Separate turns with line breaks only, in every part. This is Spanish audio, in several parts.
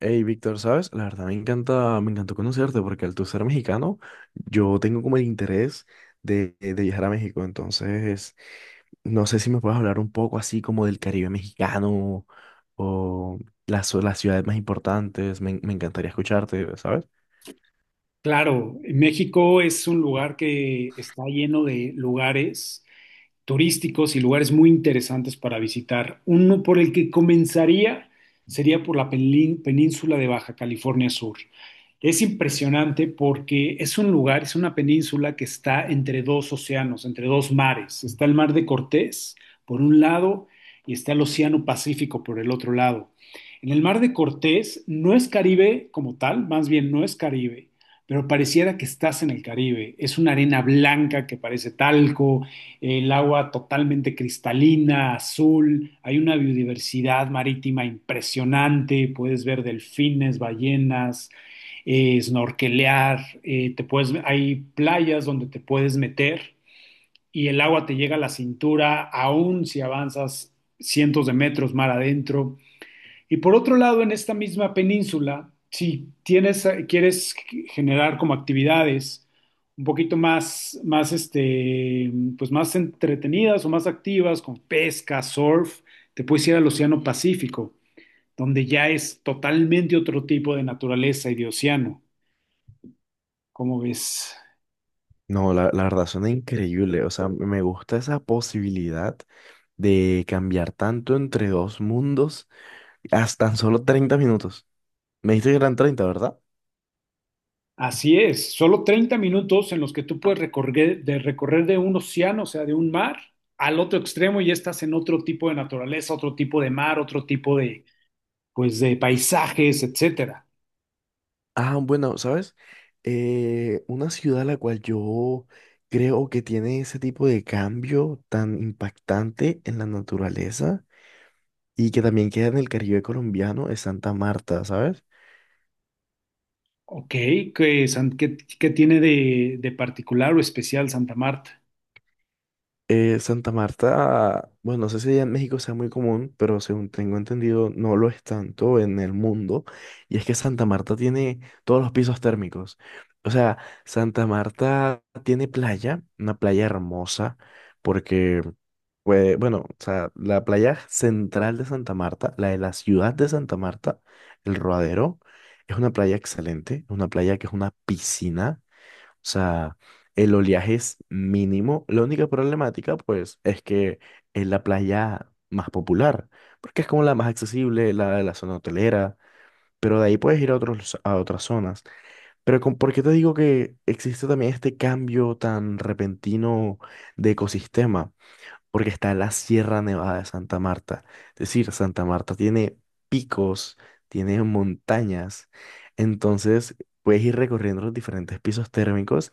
Hey, Víctor, ¿sabes? La verdad me encanta, me encantó conocerte porque al tú ser mexicano, yo tengo como el interés de viajar a México. Entonces, no sé si me puedes hablar un poco así como del Caribe mexicano o las ciudades más importantes. Me encantaría escucharte, ¿sabes?
Claro, México es un lugar que está lleno de lugares turísticos y lugares muy interesantes para visitar. Uno por el que comenzaría sería por la península de Baja California Sur. Es impresionante porque es un lugar, es una península que está entre dos océanos, entre dos mares. Está el mar de Cortés por un lado y está el Océano Pacífico por el otro lado. En el mar de Cortés no es Caribe como tal, más bien no es Caribe, pero pareciera que estás en el Caribe. Es una arena blanca que parece talco, el agua totalmente cristalina, azul, hay una biodiversidad marítima impresionante, puedes ver delfines, ballenas, snorkelear, te puedes, hay playas donde te puedes meter y el agua te llega a la cintura, aún si avanzas cientos de metros mar adentro. Y por otro lado, en esta misma península, si tienes, quieres generar como actividades un poquito más, pues más entretenidas o más activas, con pesca, surf, te puedes ir al Océano Pacífico, donde ya es totalmente otro tipo de naturaleza y de océano. ¿Cómo ves?
No, la verdad suena increíble. O sea, me gusta esa posibilidad de cambiar tanto entre dos mundos hasta tan solo 30 minutos. Me dijiste que eran 30, ¿verdad?
Así es, solo 30 minutos en los que tú puedes recorrer de un océano, o sea, de un mar al otro extremo y ya estás en otro tipo de naturaleza, otro tipo de mar, otro tipo de, pues, de paisajes, etcétera.
Ah, bueno, ¿sabes? Una ciudad a la cual yo creo que tiene ese tipo de cambio tan impactante en la naturaleza y que también queda en el Caribe colombiano es Santa Marta, ¿sabes?
Ok, ¿ qué tiene de particular o especial Santa Marta?
Santa Marta, bueno, no sé si allá en México sea muy común, pero según tengo entendido, no lo es tanto en el mundo. Y es que Santa Marta tiene todos los pisos térmicos. O sea, Santa Marta tiene playa, una playa hermosa, porque, pues, bueno, o sea, la playa central de Santa Marta, la de la ciudad de Santa Marta, el Rodadero, es una playa excelente, una playa que es una piscina. O sea, el oleaje es mínimo. La única problemática, pues, es que es la playa más popular, porque es como la más accesible, la de la zona hotelera, pero de ahí puedes ir a otros, a otras zonas. Pero con, ¿por qué te digo que existe también este cambio tan repentino de ecosistema? Porque está la Sierra Nevada de Santa Marta. Es decir, Santa Marta tiene picos, tiene montañas, entonces puedes ir recorriendo los diferentes pisos térmicos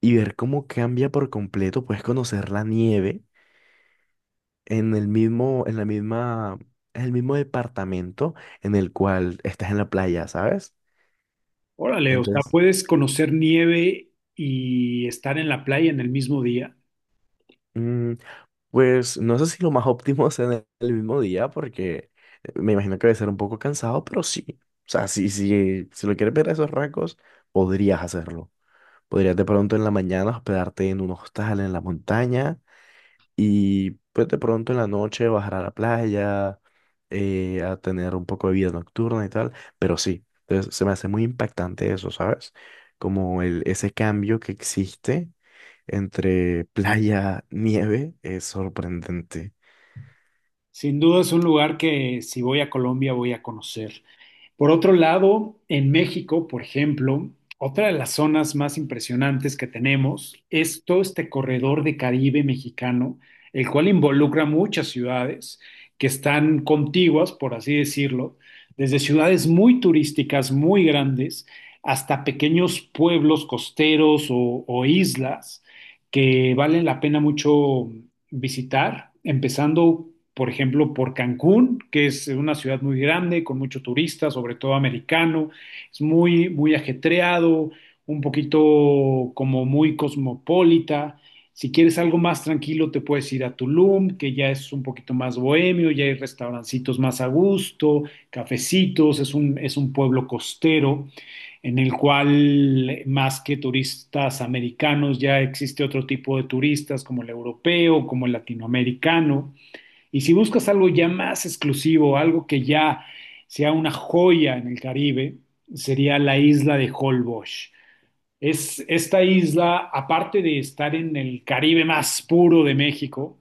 y ver cómo cambia por completo, puedes conocer la nieve en el mismo, en la misma, en el mismo departamento en el cual estás en la playa, ¿sabes?
Órale, o sea,
Entonces,
puedes conocer nieve y estar en la playa en el mismo día.
mm, pues no sé si lo más óptimo sea en el mismo día, porque me imagino que debe ser un poco cansado, pero sí. O sea, si lo quieres ver a esos rasgos, podrías hacerlo. Podrías de pronto en la mañana hospedarte en un hostal en la montaña. Y pues de pronto en la noche bajar a la playa, a tener un poco de vida nocturna y tal, pero sí, entonces se me hace muy impactante eso, ¿sabes? Como el, ese cambio que existe entre playa, nieve, es sorprendente.
Sin duda es un lugar que si voy a Colombia voy a conocer. Por otro lado, en México, por ejemplo, otra de las zonas más impresionantes que tenemos es todo este corredor de Caribe mexicano, el cual involucra muchas ciudades que están contiguas, por así decirlo, desde ciudades muy turísticas, muy grandes, hasta pequeños pueblos costeros o islas que valen la pena mucho visitar, empezando, por ejemplo, por Cancún, que es una ciudad muy grande, con mucho turista, sobre todo americano, es muy, muy ajetreado, un poquito como muy cosmopolita. Si quieres algo más tranquilo, te puedes ir a Tulum, que ya es un poquito más bohemio, ya hay restaurancitos más a gusto, cafecitos, es un pueblo costero en el cual más que turistas americanos ya existe otro tipo de turistas como el europeo, como el latinoamericano. Y si buscas algo ya más exclusivo, algo que ya sea una joya en el Caribe, sería la isla de Holbox. Es esta isla, aparte de estar en el Caribe más puro de México,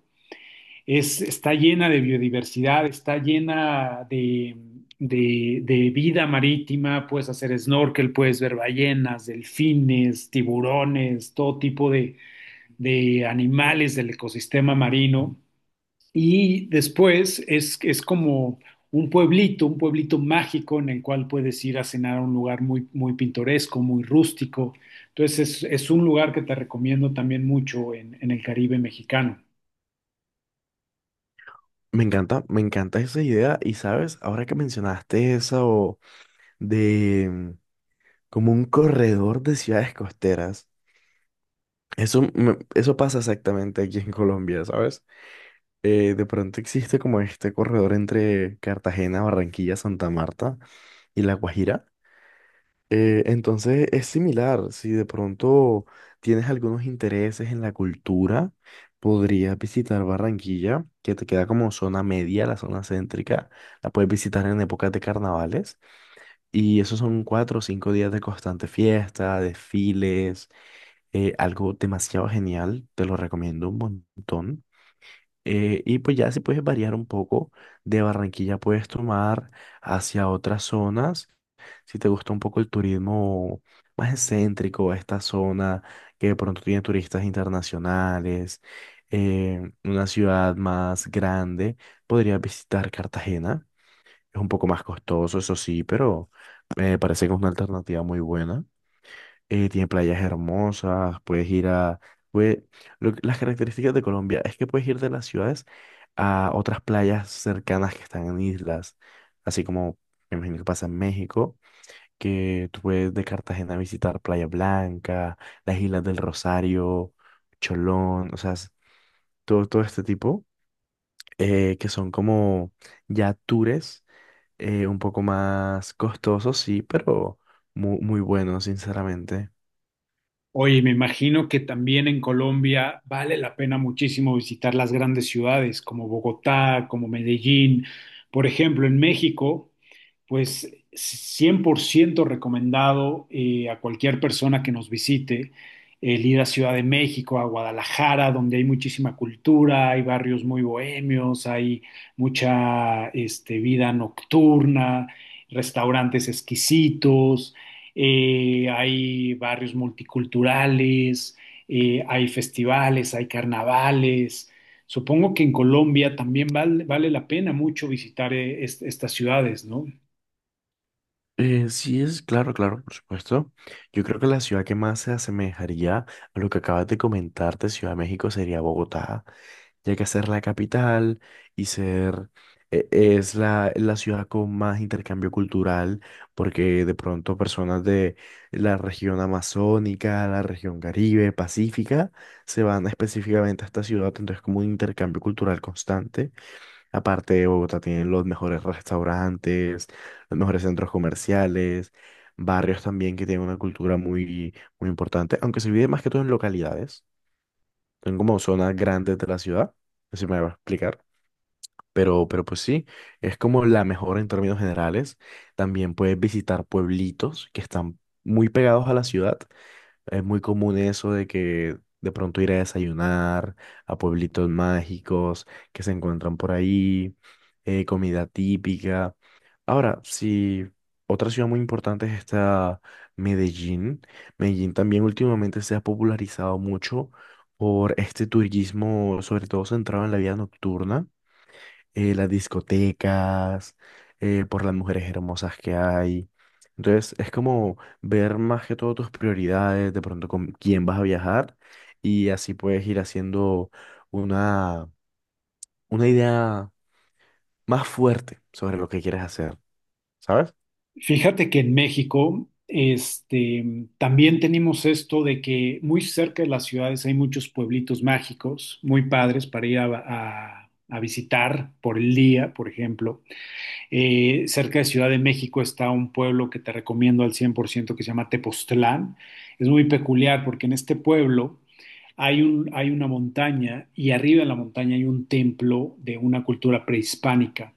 está llena de biodiversidad, está llena de, de vida marítima, puedes hacer snorkel, puedes ver ballenas, delfines, tiburones, todo tipo de animales del ecosistema marino. Y después es como un pueblito mágico en el cual puedes ir a cenar a un lugar muy, muy pintoresco, muy rústico. Entonces es un lugar que te recomiendo también mucho en el Caribe mexicano.
Me encanta esa idea y sabes, ahora que mencionaste eso de como un corredor de ciudades costeras, eso, eso pasa exactamente aquí en Colombia, ¿sabes? De pronto existe como este corredor entre Cartagena, Barranquilla, Santa Marta y La Guajira. Entonces es similar, si de pronto tienes algunos intereses en la cultura, podrías visitar Barranquilla, que te queda como zona media, la zona céntrica, la puedes visitar en épocas de carnavales y esos son 4 o 5 días de constante fiesta, desfiles, algo demasiado genial, te lo recomiendo un montón. Y pues ya si puedes variar un poco, de Barranquilla puedes tomar hacia otras zonas, si te gusta un poco el turismo más excéntrico, esta zona que de pronto tiene turistas internacionales, una ciudad más grande, podrías visitar Cartagena, es un poco más costoso, eso sí, pero me parece que es una alternativa muy buena. Tiene playas hermosas, puedes ir a... puede- las características de Colombia es que puedes ir de las ciudades a otras playas cercanas que están en islas, así como me imagino que pasa en México, que tú puedes de Cartagena visitar Playa Blanca, las Islas del Rosario, Cholón, o sea, es- todo, todo este tipo, que son como ya tours, un poco más costosos, sí, pero muy, muy buenos, sinceramente.
Oye, me imagino que también en Colombia vale la pena muchísimo visitar las grandes ciudades como Bogotá, como Medellín. Por ejemplo, en México pues 100% recomendado a cualquier persona que nos visite el ir a Ciudad de México, a Guadalajara, donde hay muchísima cultura, hay barrios muy bohemios, hay mucha este, vida nocturna, restaurantes exquisitos, hay barrios multiculturales, hay festivales, hay carnavales. Supongo que en Colombia también vale la pena mucho visitar estas ciudades, ¿no?
Sí es, claro, claro, por supuesto. Yo creo que la ciudad que más se asemejaría a lo que acabas de comentar de Ciudad de México sería Bogotá, ya que ser la capital y ser es la ciudad con más intercambio cultural, porque de pronto personas de la región amazónica, la región Caribe, Pacífica, se van específicamente a esta ciudad, entonces como un intercambio cultural constante. Aparte, Bogotá tiene los mejores restaurantes, los mejores centros comerciales, barrios también que tienen una cultura muy, muy importante, aunque se vive más que todo en localidades, son como zonas grandes de la ciudad, así me va a explicar. Pero pues sí, es como la mejor en términos generales. También puedes visitar pueblitos que están muy pegados a la ciudad. Es muy común eso de que de pronto ir a desayunar a pueblitos mágicos que se encuentran por ahí, comida típica. Ahora, si otra ciudad muy importante es esta, Medellín. Medellín también últimamente se ha popularizado mucho por este turismo, sobre todo centrado en la vida nocturna, las discotecas, por las mujeres hermosas que hay. Entonces, es como ver más que todo tus prioridades, de pronto con quién vas a viajar, y así puedes ir haciendo una, una idea más fuerte sobre lo que quieres hacer, ¿sabes?
Fíjate que en México, este, mm, también tenemos esto de que muy cerca de las ciudades hay muchos pueblitos mágicos, muy padres para ir a, a visitar por el día, por ejemplo. Cerca de Ciudad de México está un pueblo que te recomiendo al 100% que se llama Tepoztlán. Es muy peculiar porque en este pueblo hay una montaña y arriba en la montaña hay un templo de una cultura prehispánica.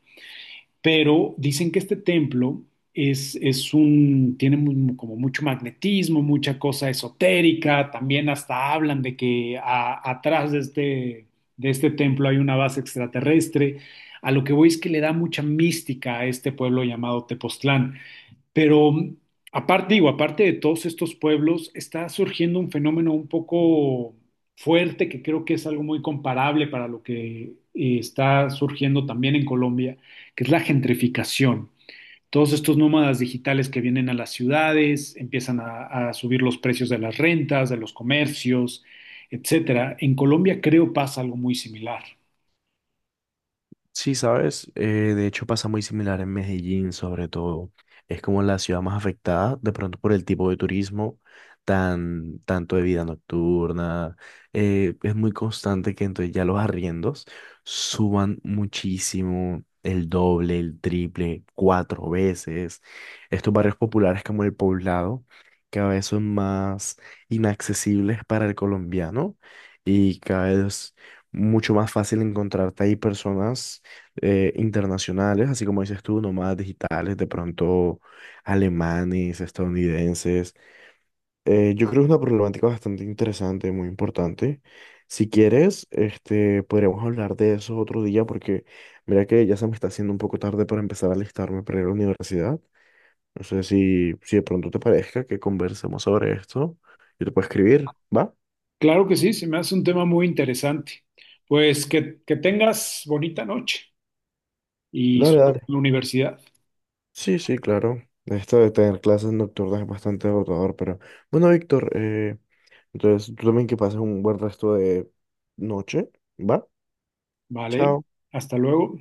Pero dicen que este templo tiene como mucho magnetismo, mucha cosa esotérica, también hasta hablan de que atrás de este templo hay una base extraterrestre. A lo que voy es que le da mucha mística a este pueblo llamado Tepoztlán. Pero aparte, digo, aparte de todos estos pueblos, está surgiendo un fenómeno un poco fuerte que creo que es algo muy comparable para lo que está surgiendo también en Colombia, que es la gentrificación. Todos estos nómadas digitales que vienen a las ciudades, empiezan a subir los precios de las rentas, de los comercios, etcétera. En Colombia creo pasa algo muy similar.
Sí, sabes, de hecho pasa muy similar en Medellín, sobre todo. Es como la ciudad más afectada, de pronto por el tipo de turismo, tanto de vida nocturna. Es muy constante que entonces ya los arriendos suban muchísimo, el doble, el triple, 4 veces. Estos barrios populares como el Poblado, cada vez son más inaccesibles para el colombiano y cada vez mucho más fácil encontrarte ahí personas internacionales, así como dices tú, nómadas digitales, de pronto alemanes, estadounidenses. Yo creo que es una problemática bastante interesante, muy importante. Si quieres, este, podríamos hablar de eso otro día porque mira que ya se me está haciendo un poco tarde para empezar a alistarme para ir a la universidad. No sé si de pronto te parezca que conversemos sobre esto. Yo te puedo escribir, ¿va?
Claro que sí, se me hace un tema muy interesante. Pues que tengas bonita noche y
Dale,
suerte
dale.
en la universidad.
Sí, sí, claro. Esto de tener clases nocturnas es bastante agotador, pero bueno, Víctor, entonces, tú también que pases un buen resto de noche, ¿va?
¿Vale?
Chao.
Hasta luego.